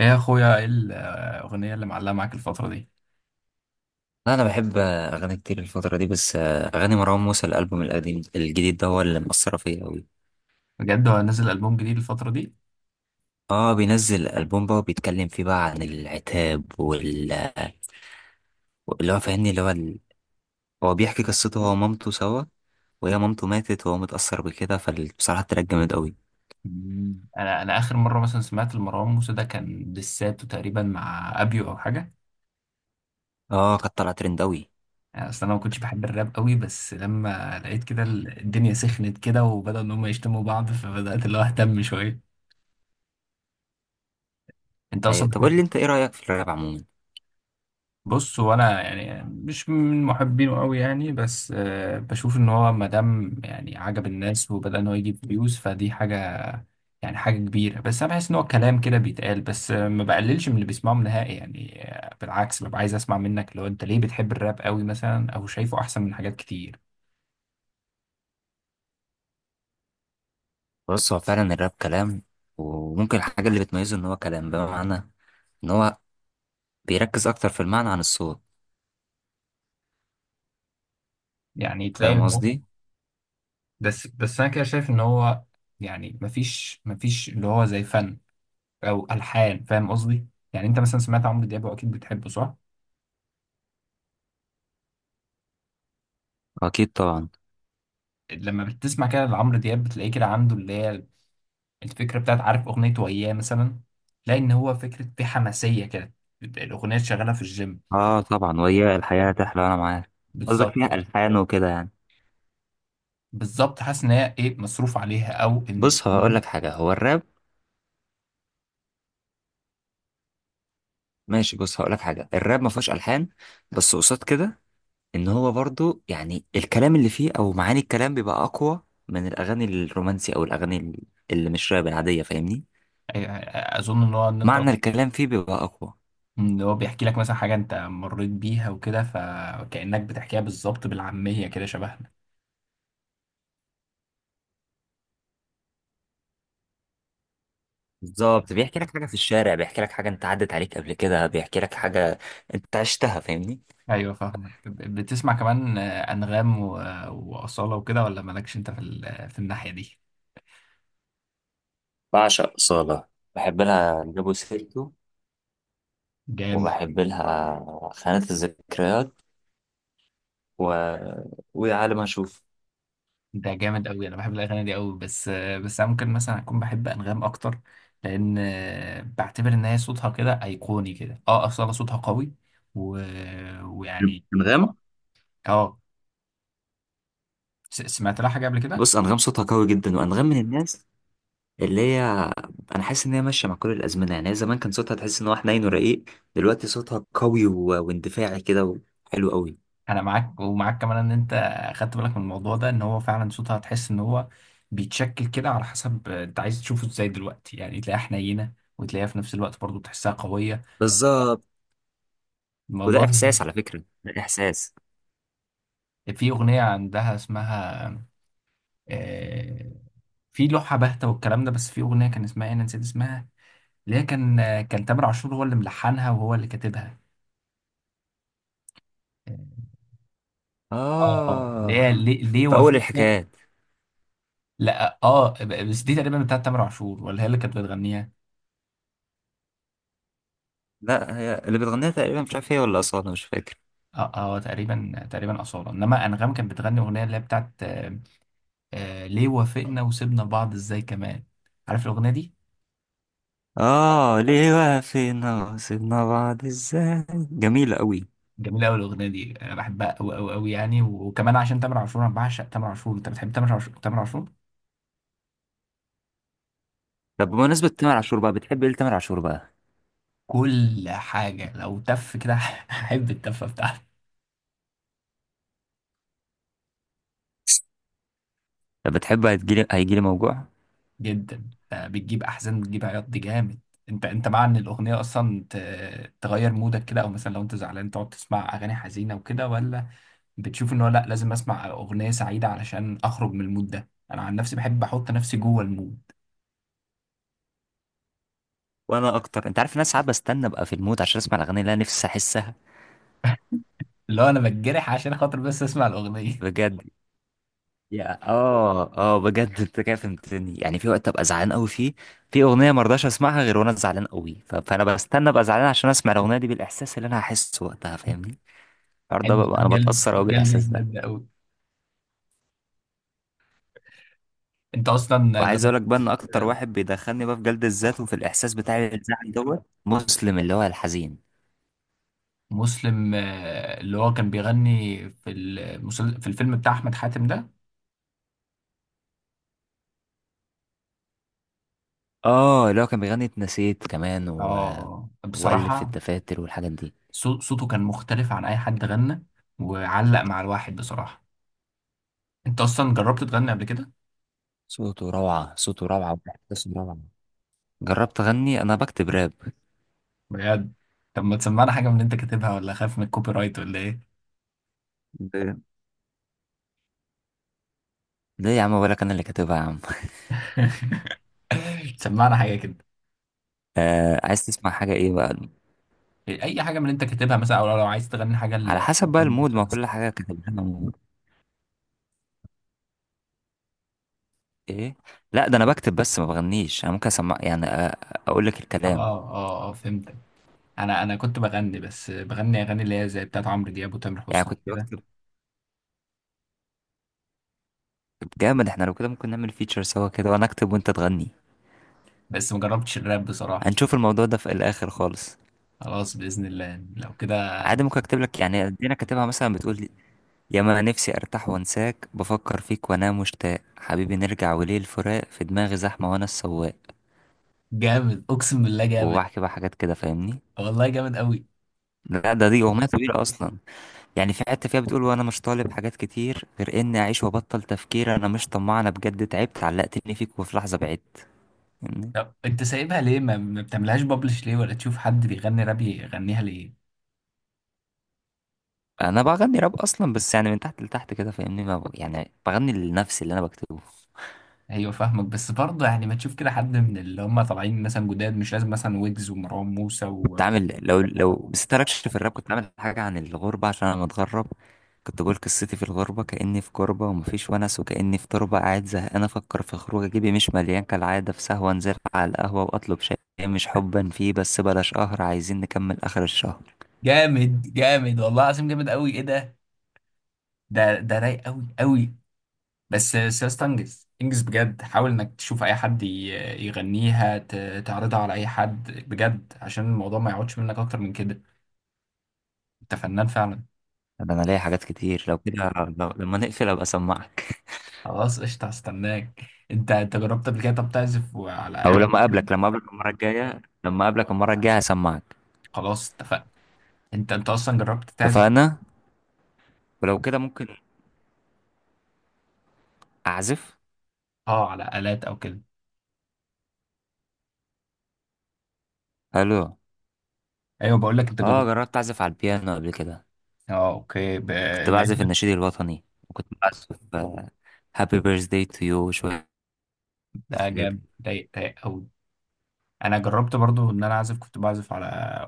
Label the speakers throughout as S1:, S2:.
S1: ايه يا اخويا، ايه الاغنيه اللي معلقه معاك الفتره دي؟
S2: لا انا بحب اغاني كتير الفتره دي بس اغاني مروان موسى الالبوم القديم الجديد ده هو اللي مأثره فيا قوي.
S1: بجد، هو نزل البوم جديد الفتره دي؟
S2: اه بينزل البوم بقى وبيتكلم فيه بقى عن العتاب اللي هو فاهمني هو بيحكي قصته هو ومامته سوا، وهي مامته ماتت وهو متأثر بكده، فبصراحه التراك جامد قوي.
S1: مم. انا اخر مره مثلا سمعت لمروان موسى، ده كان دساته تقريبا مع ابيو او حاجه.
S2: اه كانت طالعه ترند قوي.
S1: يعني اصل انا ما كنتش بحب الراب قوي، بس لما لقيت كده الدنيا سخنت كده وبدأوا ان هم يشتموا بعض، فبدات اللي هو اهتم شويه. انت
S2: أيوة.
S1: اصلا
S2: طب قول لي انت ايه رأيك في الراب عموما؟
S1: بص، وانا يعني مش من محبينه قوي يعني، بس بشوف ان هو ما دام يعني عجب الناس وبدأ ان هو يجيب فيوز، فدي حاجه يعني، حاجة كبيرة. بس أنا بحس إن هو كلام كده بيتقال، بس ما بقللش من اللي بيسمعهم نهائي يعني، بالعكس، ببقى عايز أسمع منك لو أنت ليه بتحب الراب قوي مثلا، أو شايفه أحسن من حاجات كتير.
S2: بص هو فعلا الراب كلام، وممكن الحاجه اللي بتميزه ان هو كلام بمعنى ان هو بيركز اكتر في المعنى عن الصوت.
S1: يعني تلاقي
S2: فاهم
S1: إن هو،
S2: قصدي؟
S1: بس أنا كده شايف إن هو، يعني مفيش اللي هو زي فن أو ألحان. فاهم قصدي؟ يعني أنت مثلا سمعت عمرو دياب وأكيد بتحبه، صح؟
S2: اكيد طبعا.
S1: لما بتسمع كده لعمرو دياب بتلاقيه كده عنده اللي هي الفكرة بتاعت، عارف أغنية وياه مثلا، تلاقي إن هو فكرة في حماسية كده، الأغنية شغالة في الجيم.
S2: اه طبعا، وهي الحياة تحلى انا معاك. قصدك
S1: بالظبط.
S2: فيها الحان وكده يعني.
S1: بالظبط، حاسس ان هي ايه مصروف عليها او
S2: بص هقول لك حاجة، هو الراب ماشي. بص هقول لك حاجة، الراب ما فيهوش الحان، بس قصاد كده ان هو برضو يعني الكلام اللي فيه او معاني الكلام بيبقى اقوى من الاغاني الرومانسي او الاغاني اللي مش راب العادية، فاهمني؟
S1: اظن ان هو ان انت،
S2: معنى الكلام فيه بيبقى اقوى.
S1: ان هو بيحكي لك مثلا حاجه انت مريت بيها وكده، فكانك بتحكيها بالظبط بالعاميه كده، شبهنا.
S2: بالظبط، بيحكي لك حاجة في الشارع، بيحكي لك حاجة انت عدت عليك قبل كده، بيحكي لك حاجة انت عشتها، فاهمني؟
S1: ايوه فاهمك، بتسمع كمان، انغام واصاله وكده، ولا مالكش انت في في الناحيه دي؟
S2: بعشق أصالة. بحب لها جابو سيرتو،
S1: جامد.
S2: وبحب لها خانة الذكريات و... ويا عالم هشوف.
S1: ده جامد قوي، انا بحب الاغاني دي قوي، بس بس انا ممكن مثلا اكون بحب انغام اكتر، لان بعتبر ان هي صوتها كده ايقوني كده. اه، اصاله صوتها قوي و... ويعني.
S2: انغام.
S1: اه. سمعت لها حاجة قبل كده؟
S2: بص أنغام صوتها قوي جدا، وأنغام من الناس اللي هي أنا حاسس إن هي ماشية مع كل الأزمنة. يعني هي زمان كان صوتها تحس إن هو حنين ورقيق، دلوقتي صوتها قوي واندفاعي كده، وحلو قوي.
S1: أنا معاك، ومعاك كمان إن أنت خدت بالك من الموضوع ده، إن هو فعلا صوتها هتحس إن هو بيتشكل كده على حسب أنت عايز تشوفه إزاي. دلوقتي يعني تلاقيها حنينة، وتلاقيها في نفس الوقت برضو تحسها قوية.
S2: بالظبط.
S1: الموضوع
S2: وده
S1: ده،
S2: إحساس على فكرة، ده إحساس.
S1: في أغنية عندها اسمها آه، في لوحة باهتة والكلام ده، بس في أغنية كان اسمها إيه، أنا نسيت اسمها، اللي هي كان تامر عاشور هو اللي ملحنها وهو اللي كاتبها، آه، اللي
S2: آه،
S1: هي ليه
S2: في أول
S1: وافقت.
S2: الحكايات.
S1: لا، اه، بس دي تقريبا بتاعت تامر عاشور ولا هي اللي كانت بتغنيها؟
S2: لا، هي اللي بتغنيها تقريبا، مش عارف هي ولا أصالة، مش فاكر.
S1: اه اه، تقريبا تقريبا اصاله، انما انغام كانت بتغني اغنيه اللي هي بتاعت آه، ليه وافقنا وسيبنا بعض ازاي كمان. عارف الاغنيه دي؟
S2: آه، ليه وقفنا وسيبنا بعض إزاي. جميلة قوي.
S1: جميله قوي الاغنيه دي، انا بحبها قوي قوي قوي يعني، وكمان عشان تامر عاشور انا بعشق تامر عاشور. انت بتحب تامر عاشور؟ تامر عاشور
S2: طب بمناسبة تامر عاشور بقى، بتحب ايه لتامر عاشور بقى؟
S1: كل حاجه، لو تف كده هحب التفه بتاعته.
S2: طب بتحب هيجيلي موجوع؟
S1: جدا، ده بتجيب احزان، بتجيب عياط، دي جامد. انت مع ان الاغنيه اصلا تغير مودك كده، او مثلا لو انت زعلان تقعد تسمع اغاني حزينه وكده، ولا بتشوف ان هو لا، لازم اسمع اغنيه سعيده علشان اخرج من المود ده؟ انا عن نفسي بحب احط نفسي جوه المود،
S2: وانا اكتر. انت عارف إن انا ساعات بستنى ابقى في المود عشان اسمع الاغاني اللي انا نفسي احسها.
S1: اللي هو انا بتجرح عشان خاطر بس اسمع الاغنيه
S2: بجد. يا بجد انت كده فهمتني. يعني في وقت ابقى زعلان قوي فيه في اغنيه ما ارضاش اسمعها غير وانا زعلان قوي، فانا بستنى ابقى زعلان عشان اسمع الاغنيه دي بالاحساس اللي انا هحسه وقتها، فاهمني؟ الحوار ده
S1: حلو، ده
S2: بقى انا
S1: جلد،
S2: بتاثر قوي
S1: جلد
S2: بالاحساس
S1: الذات
S2: ده.
S1: ده قوي. انت اصلا
S2: وعايز اقول لك
S1: جربت؟
S2: بقى ان اكتر واحد بيدخلني بقى في جلد الذات وفي الاحساس بتاعي الزعل، دوت مسلم اللي هو الحزين.
S1: مسلم، اللي هو كان بيغني في في الفيلم بتاع احمد حاتم ده.
S2: اه، اللي هو كان بيغني اتنسيت كمان
S1: اه. آه.
S2: وألف في
S1: بصراحه
S2: الدفاتر والحاجات دي.
S1: صوته كان مختلف عن اي حد غنى، وعلق مع الواحد بصراحة. انت اصلا جربت تغني قبل كده؟
S2: صوته روعة، صوته روعة، وإحساسه روعة. جربت أغني، أنا بكتب راب.
S1: بجد؟ طب ما تسمعنا حاجة من اللي انت كاتبها، ولا خايف من الكوبي رايت ولا ايه؟
S2: ب- ليه يا عم، ولا أنا اللي كاتبها يا عم.
S1: سمعنا حاجة كده،
S2: آه، عايز تسمع حاجة إيه بقى؟
S1: اي حاجة من اللي انت كاتبها مثلا، او لو عايز تغني حاجة
S2: على حسب بقى
S1: مروان
S2: المود،
S1: موسى
S2: ما كل
S1: مثلا.
S2: حاجة كاتبها مود. إيه. لا، ده أنا بكتب بس ما بغنيش. أنا ممكن أسمع يعني، أقول لك
S1: اه
S2: الكلام.
S1: اه اه، فهمتك. انا كنت بغني، بس بغني اغاني اللي هي زي بتاعت عمرو دياب وتامر
S2: يعني
S1: حسني
S2: كنت
S1: كده،
S2: بكتب. جامد. احنا لو كده ممكن نعمل فيتشر سوا كده، وأنا أكتب وأنت تغني.
S1: بس ما جربتش الراب بصراحة.
S2: هنشوف الموضوع ده في الآخر خالص.
S1: خلاص، بإذن الله لو كده.
S2: عادي، ممكن اكتب لك. يعني ادينا كاتبها مثلا، بتقول: ياما نفسي ارتاح وانساك، بفكر فيك وانام مشتاق، حبيبي نرجع وليه الفراق، في دماغي زحمه وانا السواق.
S1: جامد، اقسم بالله جامد.
S2: وبحكي بقى حاجات كده، فاهمني؟
S1: والله جامد قوي.
S2: لا، دي اغنيه كبيره اصلا. يعني في حته فيها بتقول: وانا مش طالب حاجات كتير غير اني اعيش وابطل تفكير، انا مش طماع، انا بجد تعبت، علقتني فيك وفي لحظه بعدت. فاهمني؟
S1: طب انت سايبها ليه، ما ما بتعملهاش، بابلش ليه، ولا تشوف حد بيغني راب يغنيها ليه؟
S2: انا بغني راب اصلا، بس يعني من تحت لتحت كده، فاهمني؟ ما ب... يعني بغني لنفسي اللي انا بكتبه.
S1: ايوه فاهمك، بس برضه يعني ما تشوف كده حد من اللي هم طالعين مثلا جداد، مش لازم مثلا ويجز ومروان موسى
S2: كنت عامل، لو بس تركش في الراب، كنت عامل حاجة عن الغربة عشان أنا متغرب. كنت بقول: قصتي في الغربة كأني في كربة، ومفيش ونس وكأني في تربة، قاعد زهقان أفكر في خروج، جيبي مش مليان كالعادة، في سهوة أنزل على القهوة وأطلب شاي مش حبا فيه، بس بلاش قهر، عايزين نكمل آخر الشهر.
S1: جامد، جامد، والله العظيم جامد قوي، ايه ده رايق قوي قوي. بس بس يا اسطى، انجز انجز بجد، حاول انك تشوف اي حد يغنيها، تعرضها على اي حد بجد عشان الموضوع ما يقعدش منك اكتر من كده. انت فنان فعلا.
S2: ده أنا ليا حاجات كتير لو كده. لو لما نقفل أبقى أسمعك.
S1: خلاص قشطه، هستناك. انت جربت قبل كده؟ طب تعزف وعلى
S2: أو
S1: آلة؟
S2: لما أقابلك المرة الجاية، هسمعك.
S1: خلاص اتفقنا. انت اصلا جربت تعزف؟
S2: اتفقنا. ولو كده، ممكن أعزف.
S1: اه على آلات او كده؟
S2: ألو.
S1: ايوه بقول لك، انت
S2: أه،
S1: جربت؟
S2: جربت أعزف على البيانو قبل كده.
S1: اه، اوكي،
S2: كنت
S1: لقيت
S2: بعزف
S1: لك.
S2: النشيد الوطني، وكنت بعزف هابي بيرث داي تو يو وشوية
S1: ده
S2: حاجات.
S1: جامد، ضايق ضايق قوي. انا جربت برضو ان انا اعزف، كنت بعزف على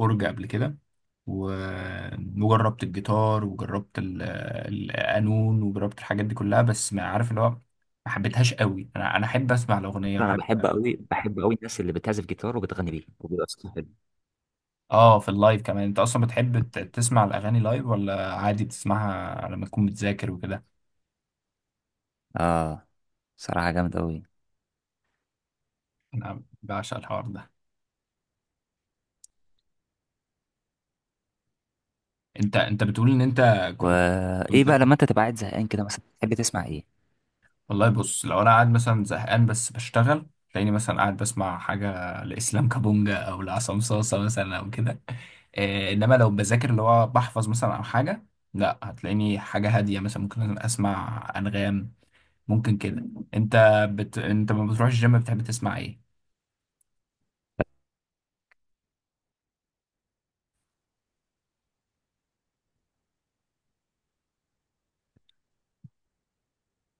S1: اورج قبل كده و... وجربت الجيتار وجربت القانون وجربت الحاجات دي كلها، بس ما عارف اللي هو ما حبيتهاش قوي. انا احب اسمع الاغنيه
S2: أصلاً انا بحب
S1: واحب.
S2: قوي، الناس اللي بتعزف جيتار وبتغني بيه وبيبقى صوتها حلو.
S1: اه، في اللايف كمان. انت اصلا بتحب تسمع الاغاني لايف، ولا عادي بتسمعها لما تكون بتذاكر وكده؟
S2: اه. صراحة جامد أوي.
S1: انا بعشق الحوار ده. انت بتقول ان انت كنت
S2: وإيه
S1: كنت
S2: بقى
S1: كنت-
S2: لما أنت تبقى قاعد زهقان كده مثلا، تحب تسمع إيه؟
S1: والله، بص، لو انا قاعد مثلا زهقان بس بشتغل، تلاقيني مثلا قاعد بسمع حاجه لاسلام كابونجا او لعصام صاصه مثلا او كده. إيه، انما لو بذاكر، اللي هو بحفظ مثلا او حاجه، لا، هتلاقيني حاجه هاديه، مثلا ممكن اسمع انغام، ممكن كده. انت انت ما بتروحش الجيم، بتحب تسمع ايه؟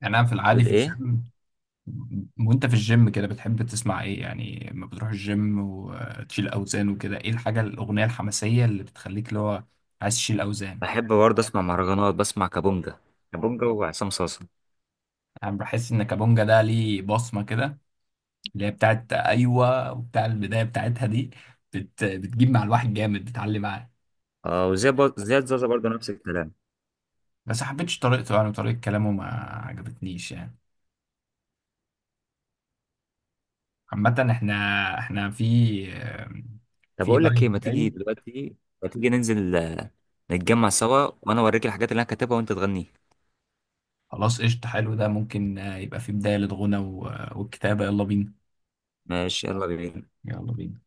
S1: يعني انا في العادي
S2: تقول
S1: في
S2: ايه؟
S1: الجيم، وانت في الجيم كده بتحب تسمع ايه يعني؟ لما بتروح الجيم وتشيل اوزان وكده، ايه الحاجه، الاغنيه الحماسيه اللي بتخليك اللي هو عايز تشيل اوزان؟
S2: بحب برضه اسمع مهرجانات، بسمع كابونجا. كابونجا وعصام صاصا.
S1: انا بحس ان كابونجا ده ليه بصمه كده، اللي هي بتاعت ايوه وبتاع البدايه بتاعتها دي، بتجيب مع الواحد جامد، بتعلي معاه.
S2: اه، وزي زياد زازا برضه نفس الكلام.
S1: بس ما حبيتش طريقته يعني، وطريقه كلامه ما عجبتنيش يعني. عامه احنا في
S2: طب اقول لك ايه،
S1: لاين جاي.
S2: ما تيجي ننزل نتجمع سوا، وانا اوريك الحاجات اللي انا كاتبها وانت تغني.
S1: خلاص قشطه، حلو، ده ممكن يبقى في بدايه للغنى والكتابه. يلا بينا.
S2: ماشي، يلا بينا.
S1: يلا بينا.